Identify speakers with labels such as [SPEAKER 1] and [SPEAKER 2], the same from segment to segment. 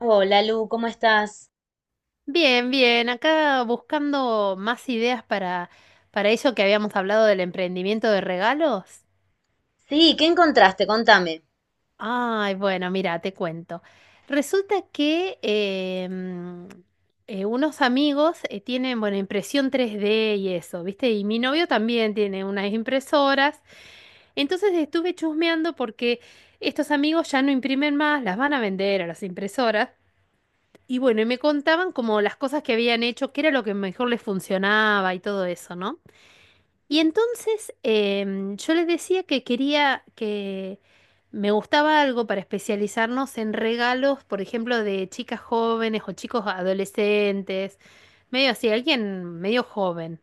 [SPEAKER 1] Hola Lu, ¿cómo estás?
[SPEAKER 2] Bien, bien, acá buscando más ideas para eso que habíamos hablado del emprendimiento de regalos.
[SPEAKER 1] Sí, ¿qué encontraste? Contame.
[SPEAKER 2] Ay, bueno, mira, te cuento. Resulta que unos amigos tienen, bueno, impresión 3D y eso, ¿viste? Y mi novio también tiene unas impresoras. Entonces estuve chusmeando porque estos amigos ya no imprimen más, las van a vender a las impresoras. Y bueno, y me contaban como las cosas que habían hecho, qué era lo que mejor les funcionaba y todo eso, ¿no? Y entonces yo les decía que quería que me gustaba algo para especializarnos en regalos, por ejemplo, de chicas jóvenes o chicos adolescentes, medio así, alguien medio joven.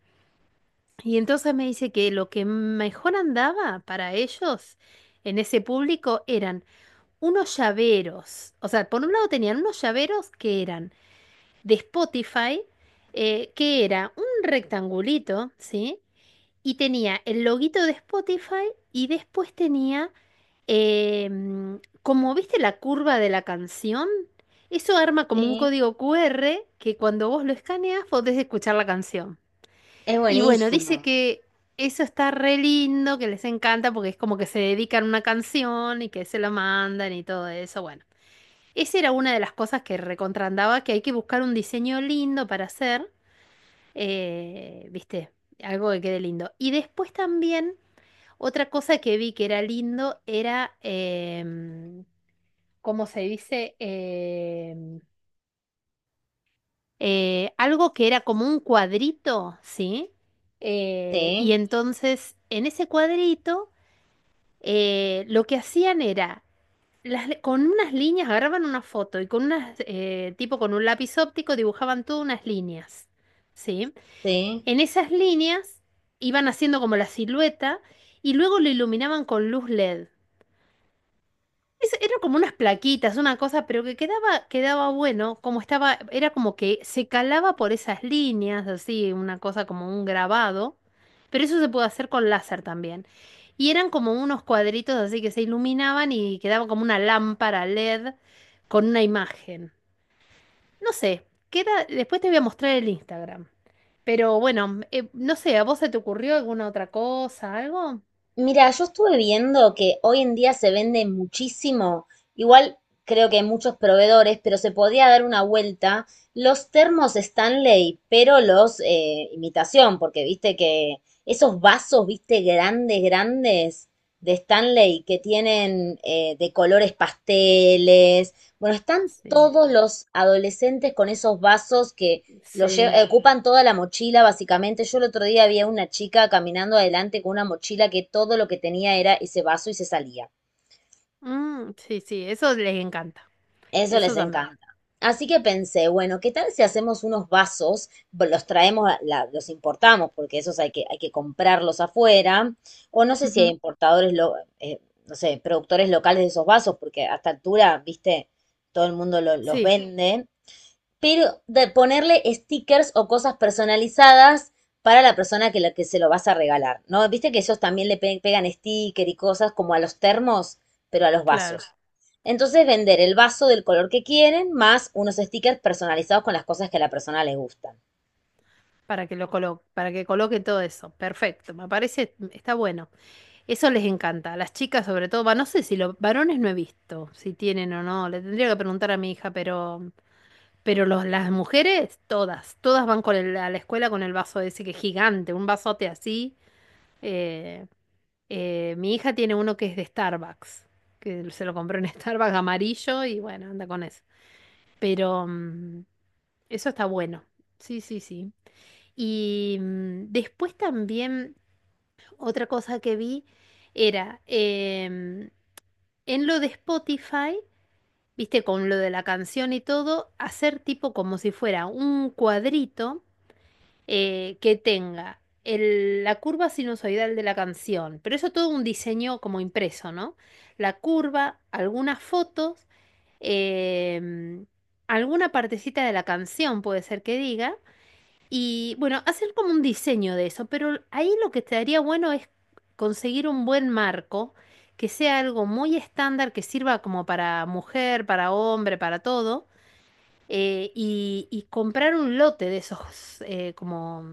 [SPEAKER 2] Y entonces me dice que lo que mejor andaba para ellos en ese público eran unos llaveros. O sea, por un lado tenían unos llaveros que eran de Spotify, que era un rectangulito, ¿sí? Y tenía el loguito de Spotify y después tenía, eh, mm, como viste la curva de la canción, eso arma como un
[SPEAKER 1] Sí.
[SPEAKER 2] código QR que cuando vos lo escaneas podés escuchar la canción.
[SPEAKER 1] Es
[SPEAKER 2] Y bueno,
[SPEAKER 1] buenísimo.
[SPEAKER 2] dice que eso está re lindo, que les encanta porque es como que se dedican a una canción y que se la mandan y todo eso. Bueno. Esa era una de las cosas que recontrandaba, que hay que buscar un diseño lindo para hacer, viste, algo que quede lindo. Y después también, otra cosa que vi que era lindo era, ¿cómo se dice? Algo que era como un cuadrito, ¿sí? Y
[SPEAKER 1] Sí,
[SPEAKER 2] entonces, en ese cuadrito, lo que hacían era con unas líneas agarraban una foto y con unas, tipo con un lápiz óptico dibujaban todas unas líneas, ¿sí?
[SPEAKER 1] sí.
[SPEAKER 2] En esas líneas iban haciendo como la silueta y luego lo iluminaban con luz LED. Eran como unas plaquitas, una cosa, pero que quedaba bueno, como estaba, era como que se calaba por esas líneas, así, una cosa como un grabado, pero eso se puede hacer con láser también. Y eran como unos cuadritos así que se iluminaban y quedaba como una lámpara LED con una imagen. No sé, queda, después te voy a mostrar el Instagram. Pero bueno, no sé, ¿a vos se te ocurrió alguna otra cosa, algo?
[SPEAKER 1] Mira, yo estuve viendo que hoy en día se vende muchísimo, igual creo que hay muchos proveedores, pero se podía dar una vuelta los termos Stanley, pero los imitación, porque viste que esos vasos, viste, grandes, grandes de Stanley que tienen de colores pasteles, bueno, están
[SPEAKER 2] Sí,
[SPEAKER 1] todos los adolescentes con esos vasos
[SPEAKER 2] sí.
[SPEAKER 1] ocupan toda la mochila, básicamente. Yo el otro día había una chica caminando adelante con una mochila que todo lo que tenía era ese vaso y se salía.
[SPEAKER 2] Mm, sí, sí, eso les encanta.
[SPEAKER 1] Eso les
[SPEAKER 2] Eso también.
[SPEAKER 1] encanta. Así que pensé, bueno, ¿qué tal si hacemos unos vasos? Los traemos, los importamos, porque esos hay que comprarlos afuera. O no sé si hay
[SPEAKER 2] Ujú.
[SPEAKER 1] importadores, no sé, productores locales de esos vasos, porque a esta altura, viste, todo el mundo los
[SPEAKER 2] Sí,
[SPEAKER 1] vende. Pero de ponerle stickers o cosas personalizadas para la persona que se lo vas a regalar, ¿no? Viste que ellos también pegan sticker y cosas como a los termos, pero a los vasos.
[SPEAKER 2] claro.
[SPEAKER 1] Entonces vender el vaso del color que quieren más unos stickers personalizados con las cosas que a la persona le gustan.
[SPEAKER 2] Para que lo coloque, para que coloque todo eso. Perfecto. Me parece, está bueno. Eso les encanta. A las chicas sobre todo. Va, no sé si los varones no he visto, si tienen o no. Le tendría que preguntar a mi hija, pero, pero los, las mujeres, todas, todas van con a la escuela con el vaso ese que es gigante, un vasote así. Eh, Mi hija tiene uno que es de Starbucks, que se lo compró en Starbucks amarillo y bueno, anda con eso. Pero, eso está bueno. Sí, sí, sí. Y después también otra cosa que vi era en lo de Spotify, viste, con lo de la canción y todo, hacer tipo como si fuera un cuadrito que tenga la curva sinusoidal de la canción, pero eso todo un diseño como impreso, ¿no? La curva, algunas fotos, em, alguna partecita de la canción puede ser que diga. Y bueno, hacer como un diseño de eso, pero ahí lo que estaría bueno es conseguir un buen marco, que sea algo muy estándar, que sirva como para mujer, para hombre, para todo, y comprar un lote de esos, como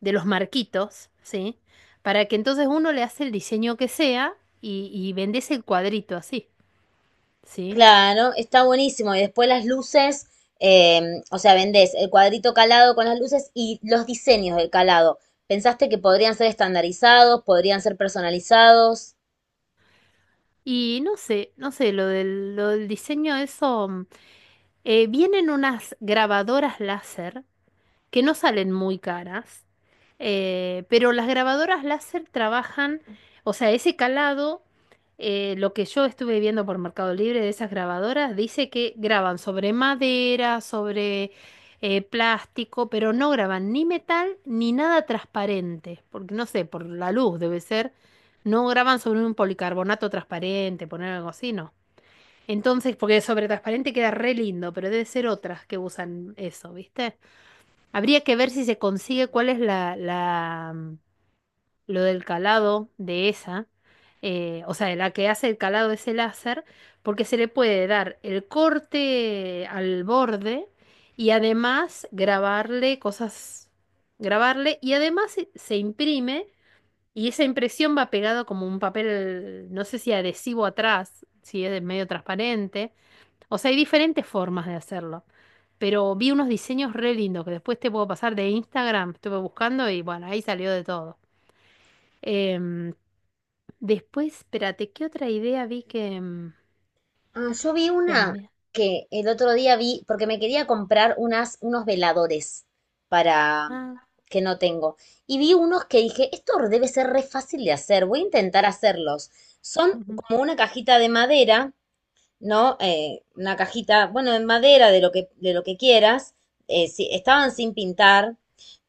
[SPEAKER 2] de los marquitos, ¿sí? Para que entonces uno le hace el diseño que sea y vendes el cuadrito así, ¿sí?
[SPEAKER 1] Claro, está buenísimo. Y después las luces, eh, o sea, vendés el cuadrito calado con las luces y los diseños del calado. ¿Pensaste que podrían ser estandarizados, podrían ser personalizados?
[SPEAKER 2] Y no sé, no sé, lo del diseño, eso, vienen unas grabadoras láser que no salen muy caras, pero las grabadoras láser trabajan, o sea, ese calado, lo que yo estuve viendo por Mercado Libre de esas grabadoras, dice que graban sobre madera, sobre plástico, pero no graban ni metal ni nada transparente, porque no sé, por la luz debe ser, no graban sobre un policarbonato transparente, poner algo así, no. Entonces, porque sobre transparente queda re lindo, pero debe ser otras que usan eso, ¿viste? Habría que ver si se consigue cuál es la lo del calado de esa, o sea, de la que hace el calado ese láser, porque se le puede dar el corte al borde y además grabarle cosas, grabarle y además se imprime y esa impresión va pegada como un papel, no sé si adhesivo atrás, si es medio transparente, o sea, hay diferentes formas de hacerlo. Pero vi unos diseños re lindos que después te puedo pasar de Instagram. Estuve buscando y bueno, ahí salió de todo. Em, Después, espérate, ¿qué otra idea vi que
[SPEAKER 1] Ah, yo vi una
[SPEAKER 2] también?
[SPEAKER 1] que el otro día vi, porque me quería comprar unos veladores para
[SPEAKER 2] Ah,
[SPEAKER 1] que no tengo. Y vi unos que dije, esto debe ser re fácil de hacer, voy a intentar hacerlos. Son
[SPEAKER 2] ujú,
[SPEAKER 1] como una cajita de madera, ¿no? Una cajita, bueno, de madera, de lo que quieras. Sí, estaban sin pintar,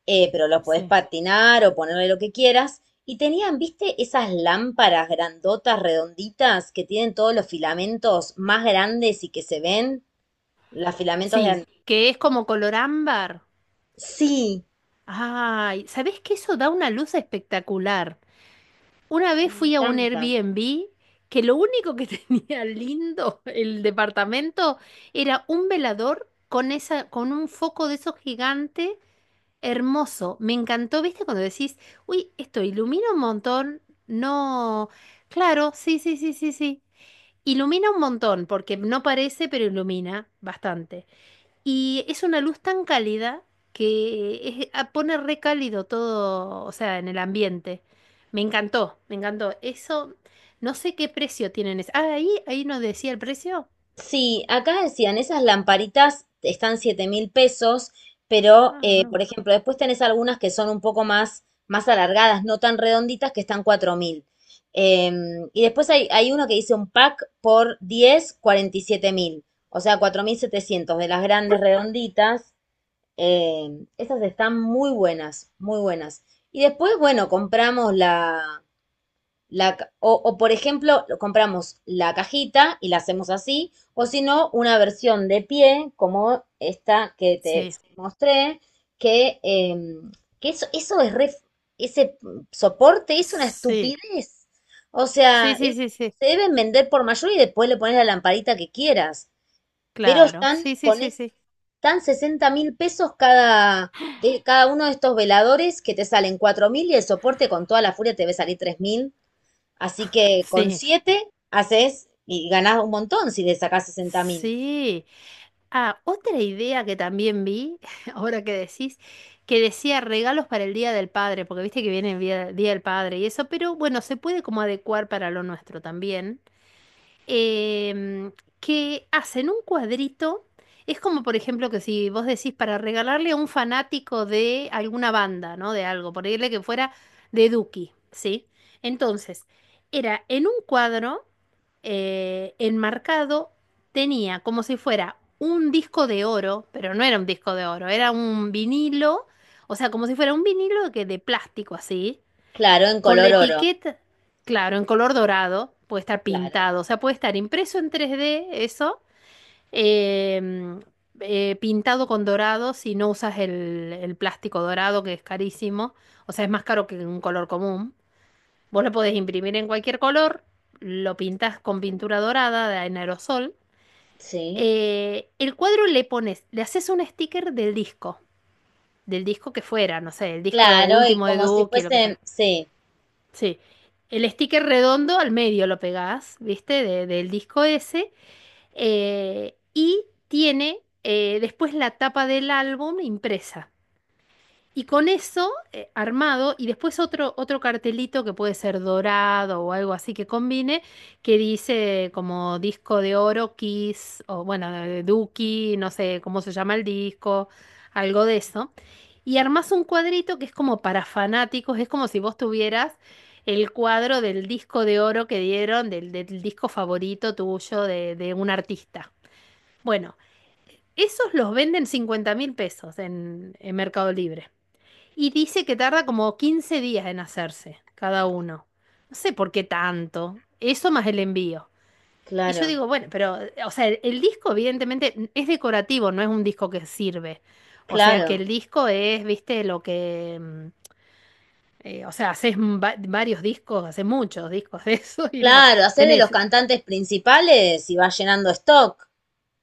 [SPEAKER 1] pero lo podés
[SPEAKER 2] sí.
[SPEAKER 1] patinar o ponerle lo que quieras. Y tenían, viste, esas lámparas grandotas, redonditas, que tienen todos los filamentos más grandes y que se ven, los filamentos de... an-
[SPEAKER 2] Sí, que es como color ámbar.
[SPEAKER 1] Sí,
[SPEAKER 2] Ay, ¿sabés que eso da una luz espectacular? Una vez
[SPEAKER 1] me
[SPEAKER 2] fui a un
[SPEAKER 1] encantan.
[SPEAKER 2] Airbnb que lo único que tenía lindo el departamento era un velador con esa, con un foco de esos gigantes. Hermoso, me encantó, ¿viste? Cuando decís, uy, esto ilumina un montón, no, claro, sí, sí, sí, sí, sí. Ilumina un montón, porque no parece, pero ilumina bastante. Y es una luz tan cálida que pone re cálido todo, o sea, en el ambiente. Me encantó, me encantó. Eso, no sé qué precio tienen. Ah, ahí nos decía el precio.
[SPEAKER 1] Sí, acá decían, esas lamparitas están 7.000 pesos, pero
[SPEAKER 2] Ah,
[SPEAKER 1] por
[SPEAKER 2] no.
[SPEAKER 1] ejemplo, después tenés algunas que son un poco más alargadas, no tan redonditas, que están 4.000. Y después hay uno que dice un pack por 10 47.000, o sea, 4.700 de las grandes redonditas. Eh, esas están muy buenas, muy buenas. Y después, bueno, compramos por ejemplo, compramos la cajita y la hacemos así, o si no, una versión de pie, como esta que te
[SPEAKER 2] Sí,
[SPEAKER 1] mostré, que, em, que ese soporte es una
[SPEAKER 2] sí,
[SPEAKER 1] estupidez. O sea,
[SPEAKER 2] sí, sí, sí, sí,
[SPEAKER 1] se deben vender por mayor y después le pones la lamparita que quieras. Pero
[SPEAKER 2] claro,
[SPEAKER 1] están
[SPEAKER 2] sí, sí, sí, sí.
[SPEAKER 1] están 60.000 pesos de cada uno de estos veladores que te salen 4.000 y el soporte con toda la furia te debe salir 3.000. Así que con
[SPEAKER 2] Sí.
[SPEAKER 1] 7 haces y ganás un montón si le sacás 60 mil.
[SPEAKER 2] Sí. Ah, otra idea que también vi, ahora que decís, que decía regalos para el Día del Padre, porque viste que viene el Día del Padre y eso, pero bueno, se puede como adecuar para lo nuestro también em, que hacen un cuadrito. Es como, por ejemplo, que si vos decís para regalarle a un fanático de alguna banda, ¿no? De algo, ponerle que fuera de Duki, ¿sí? Entonces, era en un cuadro enmarcado, tenía como si fuera un disco de oro, pero no era un disco de oro, era un vinilo, o sea, como si fuera un vinilo que de plástico así
[SPEAKER 1] Claro, en
[SPEAKER 2] con la
[SPEAKER 1] color oro.
[SPEAKER 2] etiqueta, claro, en color dorado, puede estar
[SPEAKER 1] Claro,
[SPEAKER 2] pintado, o sea, puede estar impreso en 3D eso, em, pintado con dorado si no usas el plástico dorado, que es carísimo, o sea, es más caro que un color común. Vos lo podés imprimir en cualquier color, lo pintas con pintura dorada en aerosol.
[SPEAKER 1] sí.
[SPEAKER 2] El cuadro le pones, le haces un sticker del disco que fuera, no sé, el disco
[SPEAKER 1] Claro, y
[SPEAKER 2] último de
[SPEAKER 1] como si
[SPEAKER 2] Duki, lo que
[SPEAKER 1] fuesen,
[SPEAKER 2] fuera.
[SPEAKER 1] sí,
[SPEAKER 2] Sí. El sticker redondo al medio lo pegás, ¿viste? Del disco ese. Y tiene después la tapa del álbum impresa. Y con eso armado, y después otro cartelito que puede ser dorado o algo así que combine, que dice como disco de oro, Kiss, o bueno, de Duki, no sé cómo se llama el disco, algo de eso. Y armás un cuadrito que es como para fanáticos, es como si vos tuvieras el cuadro del disco de oro que dieron, del disco favorito tuyo de un artista. Bueno, esos los venden 50.000 pesos en Mercado Libre. Y dice que tarda como 15 días en hacerse cada uno. No sé por qué tanto. Eso más el envío. Y yo
[SPEAKER 1] claro,
[SPEAKER 2] digo, bueno, pero, o sea, el disco evidentemente es decorativo, no es un disco que sirve. O sea, que
[SPEAKER 1] claro,
[SPEAKER 2] el disco es, viste, lo que... o sea, haces varios discos, haces muchos discos de eso y los
[SPEAKER 1] claro. Hacés de los
[SPEAKER 2] tenés.
[SPEAKER 1] cantantes principales y vas llenando stock.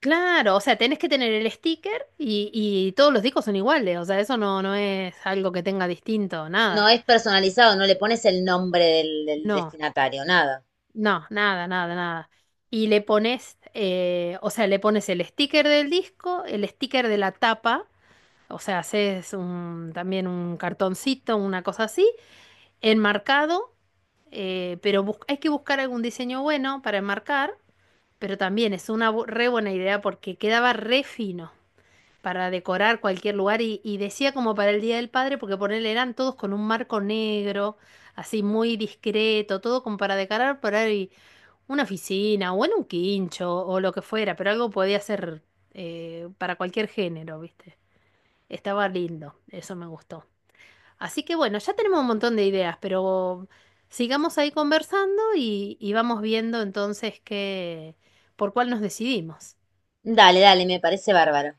[SPEAKER 2] Claro, o sea, tenés que tener el sticker y todos los discos son iguales. O sea, eso no, no es algo que tenga distinto,
[SPEAKER 1] No
[SPEAKER 2] nada.
[SPEAKER 1] es personalizado, no le pones el nombre del
[SPEAKER 2] No.
[SPEAKER 1] destinatario, nada.
[SPEAKER 2] No, nada, nada, nada. Y le pones, o sea, le pones el sticker del disco, el sticker de la tapa, o sea, haces un, también un cartoncito, una cosa así, enmarcado, pero hay que buscar algún diseño bueno para enmarcar, pero también es una re buena idea porque quedaba re fino para decorar cualquier lugar y decía como para el Día del Padre, porque ponerle eran todos con un marco negro, así muy discreto, todo como para decorar por ahí una oficina o en un quincho o lo que fuera, pero algo podía ser para cualquier género, ¿viste? Estaba lindo, eso me gustó. Así que bueno, ya tenemos un montón de ideas, pero sigamos ahí conversando y vamos viendo entonces qué, por cuál nos decidimos.
[SPEAKER 1] Dale, dale, me parece bárbaro.